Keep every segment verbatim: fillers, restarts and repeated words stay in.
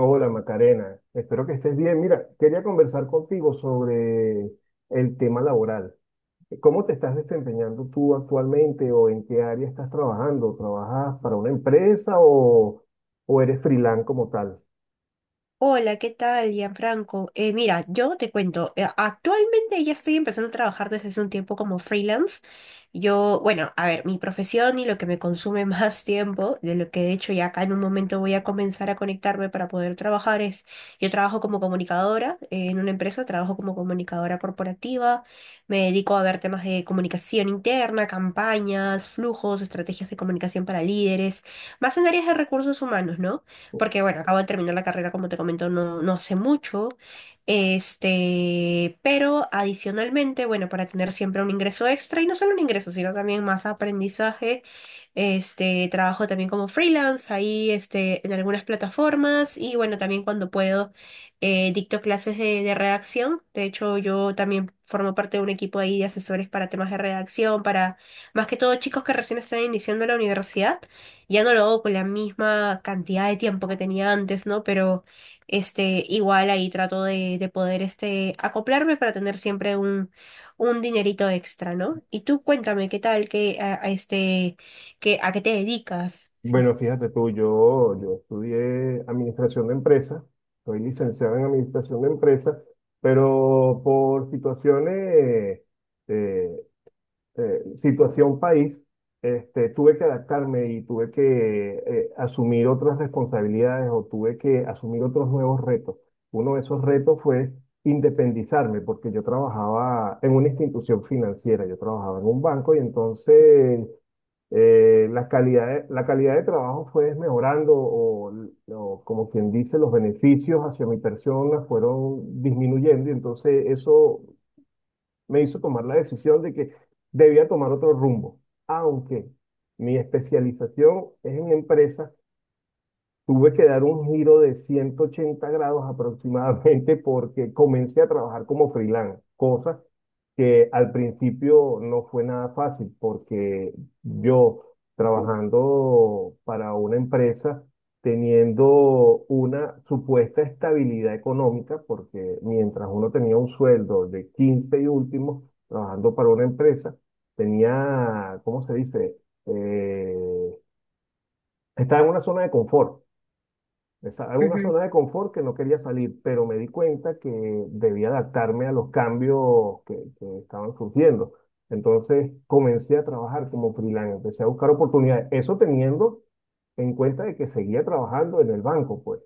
Hola Macarena, espero que estés bien. Mira, quería conversar contigo sobre el tema laboral. ¿Cómo te estás desempeñando tú actualmente o en qué área estás trabajando? ¿Trabajas para una empresa o, o eres freelance como tal? Hola, ¿qué tal, Gianfranco? Eh, mira, yo te cuento, eh, actualmente ya estoy empezando a trabajar desde hace un tiempo como freelance. Yo, bueno, a ver, mi profesión y lo que me consume más tiempo, de lo que de hecho ya acá en un momento voy a comenzar a conectarme para poder trabajar es, yo trabajo como comunicadora, eh, en una empresa. Trabajo como comunicadora corporativa. Me dedico a ver temas de comunicación interna, campañas, flujos, estrategias de comunicación para líderes, más en áreas de recursos humanos, ¿no? Porque bueno, acabo de terminar la carrera, como te comento, no, no hace mucho. este, pero adicionalmente, bueno, para tener siempre un ingreso extra, y no solo un ingreso, sino también más aprendizaje. este, trabajo también como freelance ahí, este, en algunas plataformas. Y bueno, también cuando puedo, eh, dicto clases de, de redacción. De hecho, yo también formo parte de un equipo ahí de asesores para temas de redacción, para más que todo chicos que recién están iniciando la universidad. Ya no lo hago con la misma cantidad de tiempo que tenía antes, ¿no? Pero este, igual ahí trato de, de poder, este, acoplarme para tener siempre un, un dinerito extra, ¿no? Y tú cuéntame, ¿qué tal? ¿Qué, a, a este, qué, a qué te dedicas? Sí. Bueno, fíjate tú, yo, yo estudié administración de empresas, soy licenciado en administración de empresas, pero por situaciones eh, eh, situación país, este, tuve que adaptarme y tuve que eh, asumir otras responsabilidades o tuve que asumir otros nuevos retos. Uno de esos retos fue independizarme, porque yo trabajaba en una institución financiera, yo trabajaba en un banco y entonces eh, la calidad de, la calidad de trabajo fue mejorando o, o como quien dice, los beneficios hacia mi persona fueron disminuyendo y entonces eso me hizo tomar la decisión de que debía tomar otro rumbo, aunque mi especialización es en empresas. Tuve que dar un giro de ciento ochenta grados aproximadamente porque comencé a trabajar como freelance, cosa que al principio no fue nada fácil porque yo trabajando para una empresa, teniendo una supuesta estabilidad económica, porque mientras uno tenía un sueldo de quince y último, trabajando para una empresa, tenía, ¿cómo se dice? Eh, Estaba en una zona de confort. Estaba en una Ujú. zona de confort que no quería salir, pero me di cuenta que debía adaptarme a los cambios que, que estaban surgiendo. Entonces comencé a trabajar como freelance, empecé a buscar oportunidades. Eso teniendo en cuenta de que seguía trabajando en el banco, pues.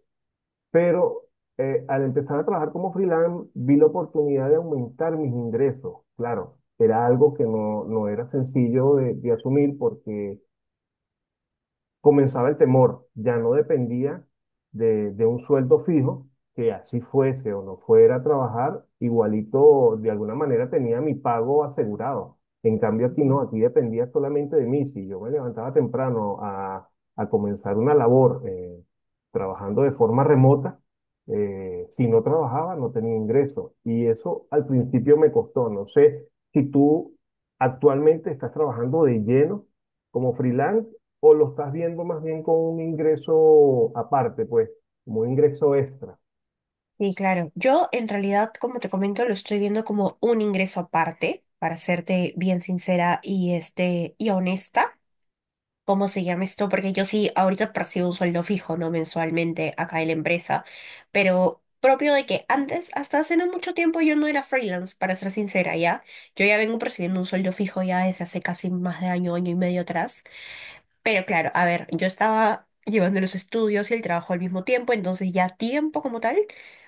Pero eh, al empezar a trabajar como freelance, vi la oportunidad de aumentar mis ingresos. Claro, era algo que no, no era sencillo de, de asumir porque comenzaba el temor, ya no dependía de, de un sueldo fijo, que así fuese o no fuera a trabajar, igualito de alguna manera tenía mi pago asegurado. En cambio aquí no, aquí dependía solamente de mí. Si yo me levantaba temprano a, a comenzar una labor eh, trabajando de forma remota, eh, si no trabajaba no tenía ingreso. Y eso al principio me costó. No sé si tú actualmente estás trabajando de lleno como freelance o lo estás viendo más bien con un ingreso aparte, pues, como un ingreso extra. Sí, claro. Yo en realidad, como te comento, lo estoy viendo como un ingreso aparte, para serte bien sincera y, este, y honesta. ¿Cómo se llama esto? Porque yo sí, ahorita percibo un sueldo fijo, ¿no? Mensualmente acá en la empresa, pero propio de que antes, hasta hace no mucho tiempo, yo no era freelance, para ser sincera, ¿ya? Yo ya vengo percibiendo un sueldo fijo ya desde hace casi más de año, año y medio atrás. Pero claro, a ver, yo estaba llevando los estudios y el trabajo al mismo tiempo, entonces ya tiempo como tal,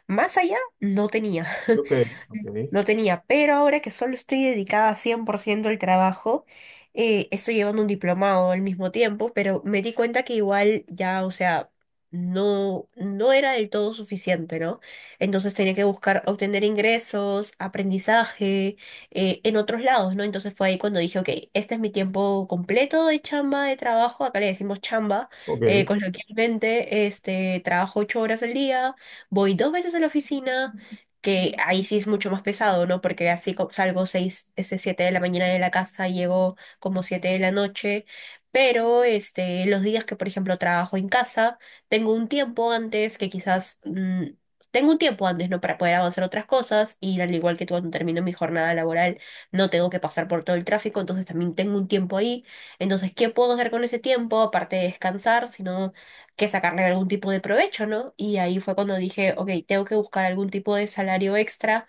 más allá, no tenía. Ok, ok, No tenía, pero ahora que solo estoy dedicada cien por ciento al trabajo, eh, estoy llevando un diplomado al mismo tiempo, pero me di cuenta que igual ya, o sea, no, no era del todo suficiente, ¿no? Entonces tenía que buscar obtener ingresos, aprendizaje, eh, en otros lados, ¿no? Entonces fue ahí cuando dije, ok, este es mi tiempo completo de chamba, de trabajo, acá le decimos chamba, eh, ok. coloquialmente. este, trabajo ocho horas al día, voy dos veces a la oficina, que ahí sí es mucho más pesado, ¿no? Porque así co- salgo seis, este, siete de la mañana de la casa, llego como siete de la noche. Pero este, los días que, por ejemplo, trabajo en casa, tengo un tiempo antes que quizás... mm, tengo un tiempo antes, ¿no? Para poder avanzar otras cosas, y al igual que cuando termino mi jornada laboral no tengo que pasar por todo el tráfico, entonces también tengo un tiempo ahí. Entonces, ¿qué puedo hacer con ese tiempo? Aparte de descansar, sino que sacarle algún tipo de provecho, ¿no? Y ahí fue cuando dije, ok, tengo que buscar algún tipo de salario extra,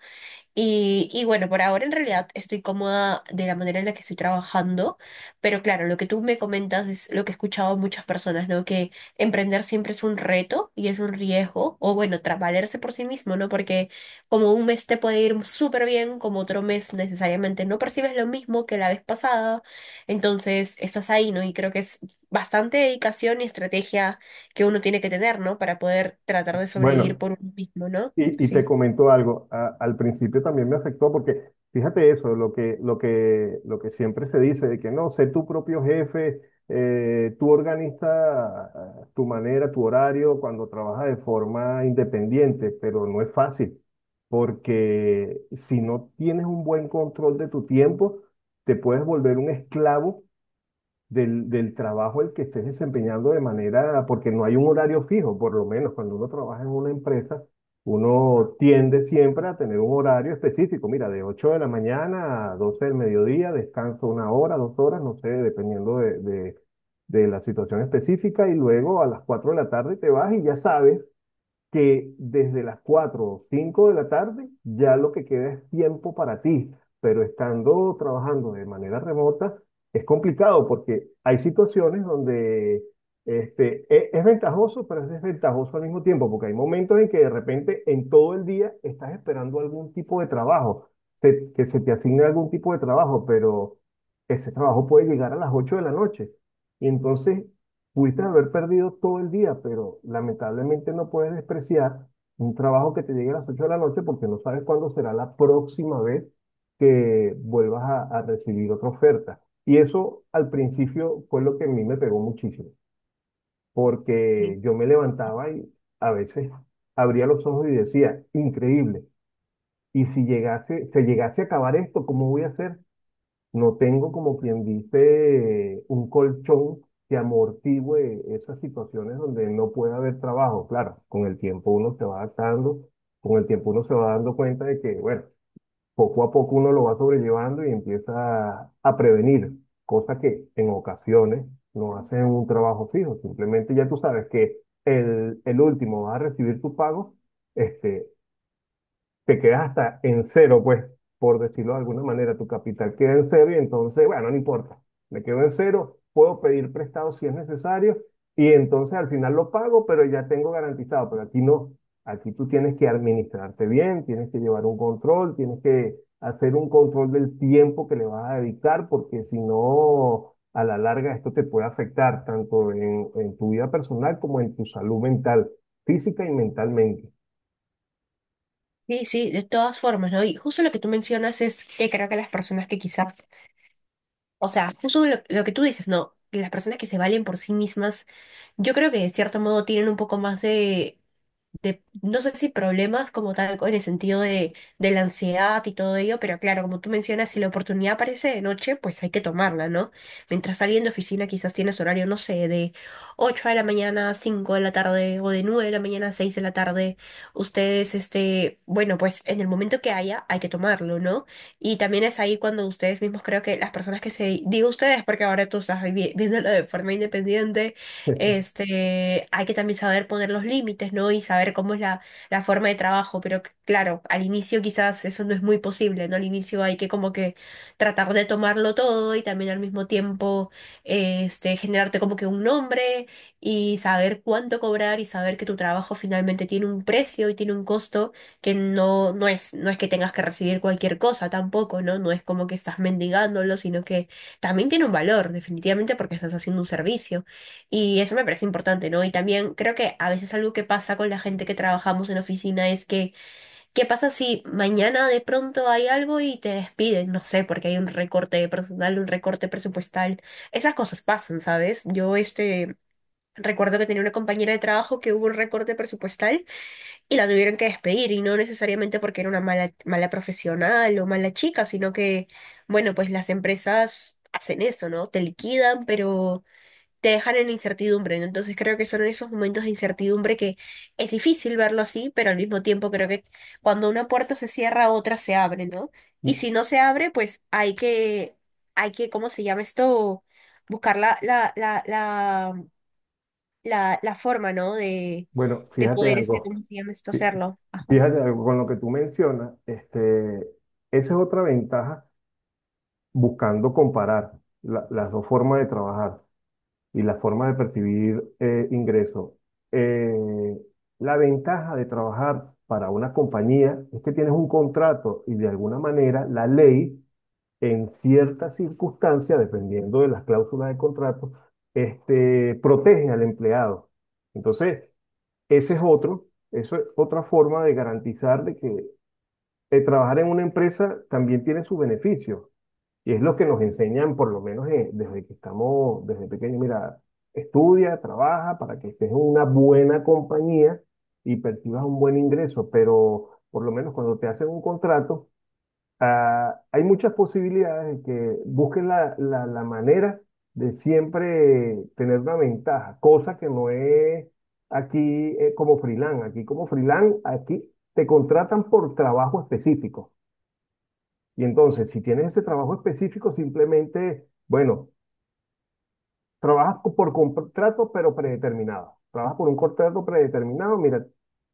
y, y bueno, por ahora en realidad estoy cómoda de la manera en la que estoy trabajando. Pero claro, lo que tú me comentas es lo que he escuchado a muchas personas, ¿no? Que emprender siempre es un reto y es un riesgo, o bueno, tra- valerse por sí mismo, ¿no? Porque como un mes te puede ir súper bien, como otro mes necesariamente no percibes lo mismo que la vez pasada, entonces estás ahí, ¿no? Y creo que es bastante dedicación y estrategia que uno tiene que tener, ¿no? Para poder tratar de sobrevivir Bueno. por uno mismo, ¿no? Y, y te Sí. comento algo, a- al principio también me afectó porque fíjate eso, lo que, lo que, lo que siempre se dice de que no, sé tu propio jefe, eh, tú organiza eh, tu manera, tu horario cuando trabajas de forma independiente, pero no es fácil porque si no tienes un buen control de tu tiempo, te puedes volver un esclavo del, del trabajo el que estés desempeñando de manera, porque no hay un horario fijo, por lo menos cuando uno trabaja en una empresa, uno tiende siempre a tener un horario específico, mira, de ocho de la mañana a doce del mediodía, descanso una hora, dos horas, no sé, dependiendo de, de, de la situación específica, y luego a las cuatro de la tarde te vas y ya sabes que desde las cuatro o cinco de la tarde ya lo que queda es tiempo para ti, pero estando trabajando de manera remota es complicado porque hay situaciones donde este, e- es ventajoso, pero es desventajoso al mismo tiempo, porque hay momentos en que de repente en todo el día estás esperando algún tipo de trabajo, se- que se te asigne algún tipo de trabajo, pero ese trabajo puede llegar a las ocho de la noche. Y entonces pudiste haber perdido todo el día, pero lamentablemente no puedes despreciar un trabajo que te llegue a las ocho de la noche porque no sabes cuándo será la próxima vez que vuelvas a, a recibir otra oferta. Y eso al principio fue lo que a mí me pegó muchísimo, porque yo me levantaba y a veces abría los ojos y decía, increíble, y si llegase, se llegase a acabar esto, ¿cómo voy a hacer? No tengo, como quien dice, un colchón que amortigüe esas situaciones donde no puede haber trabajo. Claro, con el tiempo uno se va adaptando, con el tiempo uno se va dando cuenta de que, bueno, poco a poco uno lo va sobrellevando y empieza a prevenir, cosas que en ocasiones no hacen un trabajo fijo. Simplemente ya tú sabes que el, el último va a recibir tu pago este, te quedas hasta en cero, pues, por decirlo de alguna manera, tu capital queda en cero y entonces, bueno, no importa, me quedo en cero, puedo pedir prestado si es necesario y entonces al final lo pago, pero ya tengo garantizado, pero aquí no, aquí tú tienes que administrarte bien, tienes que llevar un control, tienes que hacer un control del tiempo que le vas a dedicar, porque si no, a la larga esto te puede afectar tanto en, en tu vida personal como en tu salud mental, física y mentalmente. Sí, sí, de todas formas, ¿no? Y justo lo que tú mencionas es que creo que las personas que quizás, o sea, justo lo, lo que tú dices, ¿no? Que Las personas que se valen por sí mismas, yo creo que de cierto modo tienen un poco más de de, no sé, si problemas como tal, en el sentido de, de la ansiedad y todo ello. Pero claro, como tú mencionas, si la oportunidad aparece de noche, pues hay que tomarla, ¿no? Mientras alguien de oficina quizás tienes horario, no sé, de ocho de la mañana a cinco de la tarde o de nueve de la mañana a seis de la tarde, ustedes, este, bueno, pues en el momento que haya, hay que tomarlo, ¿no? Y también es ahí cuando ustedes mismos creo que las personas que se, digo ustedes, porque ahora tú estás vivi- viéndolo de forma independiente. este, hay que también saber poner los límites, ¿no? Y saber cómo es la, la forma de trabajo. Pero c- claro, al inicio quizás eso no es muy posible, ¿no? Al inicio hay que como que tratar de tomarlo todo y también al mismo tiempo, este, generarte como que un nombre y saber cuánto cobrar y saber que tu trabajo finalmente tiene un precio y tiene un costo, que no, no es, no es que tengas que recibir cualquier cosa tampoco, ¿no? No es como que estás mendigándolo, sino que también tiene un valor, definitivamente, porque estás haciendo un servicio. Y eso me parece importante, ¿no? Y también creo que a veces algo que pasa con la gente que trabajamos en oficina es que, ¿qué pasa si mañana de pronto hay algo y te despiden? No sé, porque hay un recorte de personal, un recorte presupuestal. Esas cosas pasan, ¿sabes? Yo este recuerdo que tenía una compañera de trabajo, que hubo un recorte presupuestal y la tuvieron que despedir, y no necesariamente porque era una mala, mala profesional o mala chica, sino que, bueno, pues las empresas hacen eso, ¿no? Te liquidan, pero te dejan en incertidumbre, ¿no? Entonces creo que son esos momentos de incertidumbre, que es difícil verlo así, pero al mismo tiempo creo que cuando una puerta se cierra, otra se abre, ¿no? Y si no se abre, pues hay que, hay que, ¿cómo se llama esto? Buscar la, la, la, la, la, la forma, ¿no? De, Bueno, de fíjate poder, este, algo, ¿cómo se llama esto? fí- Hacerlo. Ajá. fíjate algo con lo que tú mencionas, este, esa es otra ventaja buscando comparar la- las dos formas de trabajar y la forma de percibir eh, ingresos. Eh, la ventaja de trabajar para una compañía es que tienes un contrato y de alguna manera la ley, en ciertas circunstancias, dependiendo de las cláusulas de contrato, este, protege al empleado. Entonces, ese es otro, eso es otra forma de garantizar de que el trabajar en una empresa también tiene sus beneficios. Y es lo que nos enseñan, por lo menos eh, desde que estamos, desde pequeños. Mira, estudia, trabaja para que estés en una buena compañía y percibas un buen ingreso. Pero por lo menos cuando te hacen un contrato, ah, hay muchas posibilidades de que busquen la, la, la manera de siempre tener una ventaja, cosa que no es aquí eh, como freelance. Aquí como freelance, aquí te contratan por trabajo específico. Y entonces, si tienes ese trabajo específico, simplemente, bueno, Trabajas co- por contrato, pero predeterminado. Trabajas por un contrato predeterminado. Mira,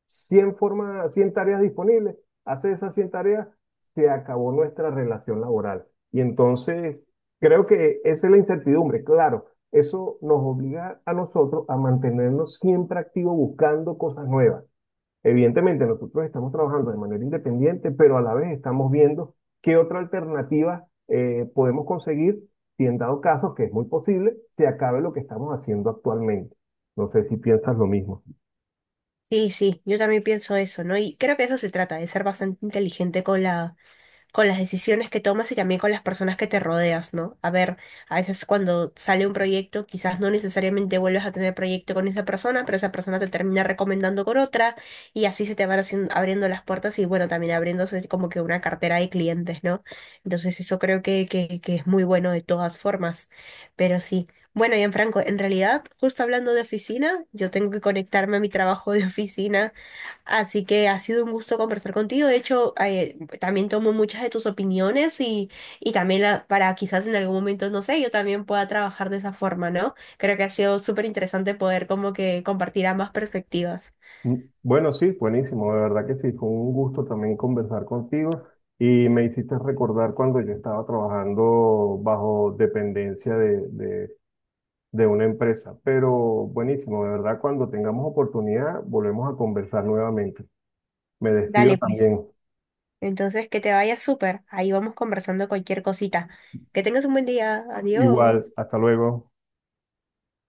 cien formas, cien tareas disponibles. Haces esas cien tareas, se acabó nuestra relación laboral. Y entonces, creo que esa es la incertidumbre. Claro, eso nos obliga a nosotros a mantenernos siempre activos buscando cosas nuevas. Evidentemente, nosotros estamos trabajando de manera independiente, pero a la vez estamos viendo qué otra alternativa eh, podemos conseguir si en dado caso, que es muy posible, se acabe lo que estamos haciendo actualmente. No sé si piensas lo mismo. Sí, sí, yo también pienso eso, ¿no? Y creo que eso se trata de ser bastante inteligente con la con las decisiones que tomas y también con las personas que te rodeas, ¿no? A ver, a veces cuando sale un proyecto, quizás no necesariamente vuelves a tener proyecto con esa persona, pero esa persona te termina recomendando con otra, y así se te van haciendo, abriendo las puertas, y bueno, también abriéndose como que una cartera de clientes, ¿no? Entonces eso creo que, que, que es muy bueno de todas formas, pero sí. Bueno, Franco, en realidad, justo hablando de oficina, yo tengo que conectarme a mi trabajo de oficina. Así que ha sido un gusto conversar contigo. De hecho, eh, también tomo muchas de tus opiniones, y, y también la- para quizás en algún momento, no sé, yo también pueda trabajar de esa forma, ¿no? Creo que ha sido súper interesante poder como que compartir ambas perspectivas. Bueno, sí, buenísimo. De verdad que sí, fue un gusto también conversar contigo y me hiciste recordar cuando yo estaba trabajando bajo dependencia de, de, de una empresa. Pero buenísimo, de verdad, cuando tengamos oportunidad, volvemos a conversar nuevamente. Me despido Dale, pues. también. Entonces, que te vaya súper. Ahí vamos conversando cualquier cosita. Que tengas un buen día. Igual, Adiós. hasta luego.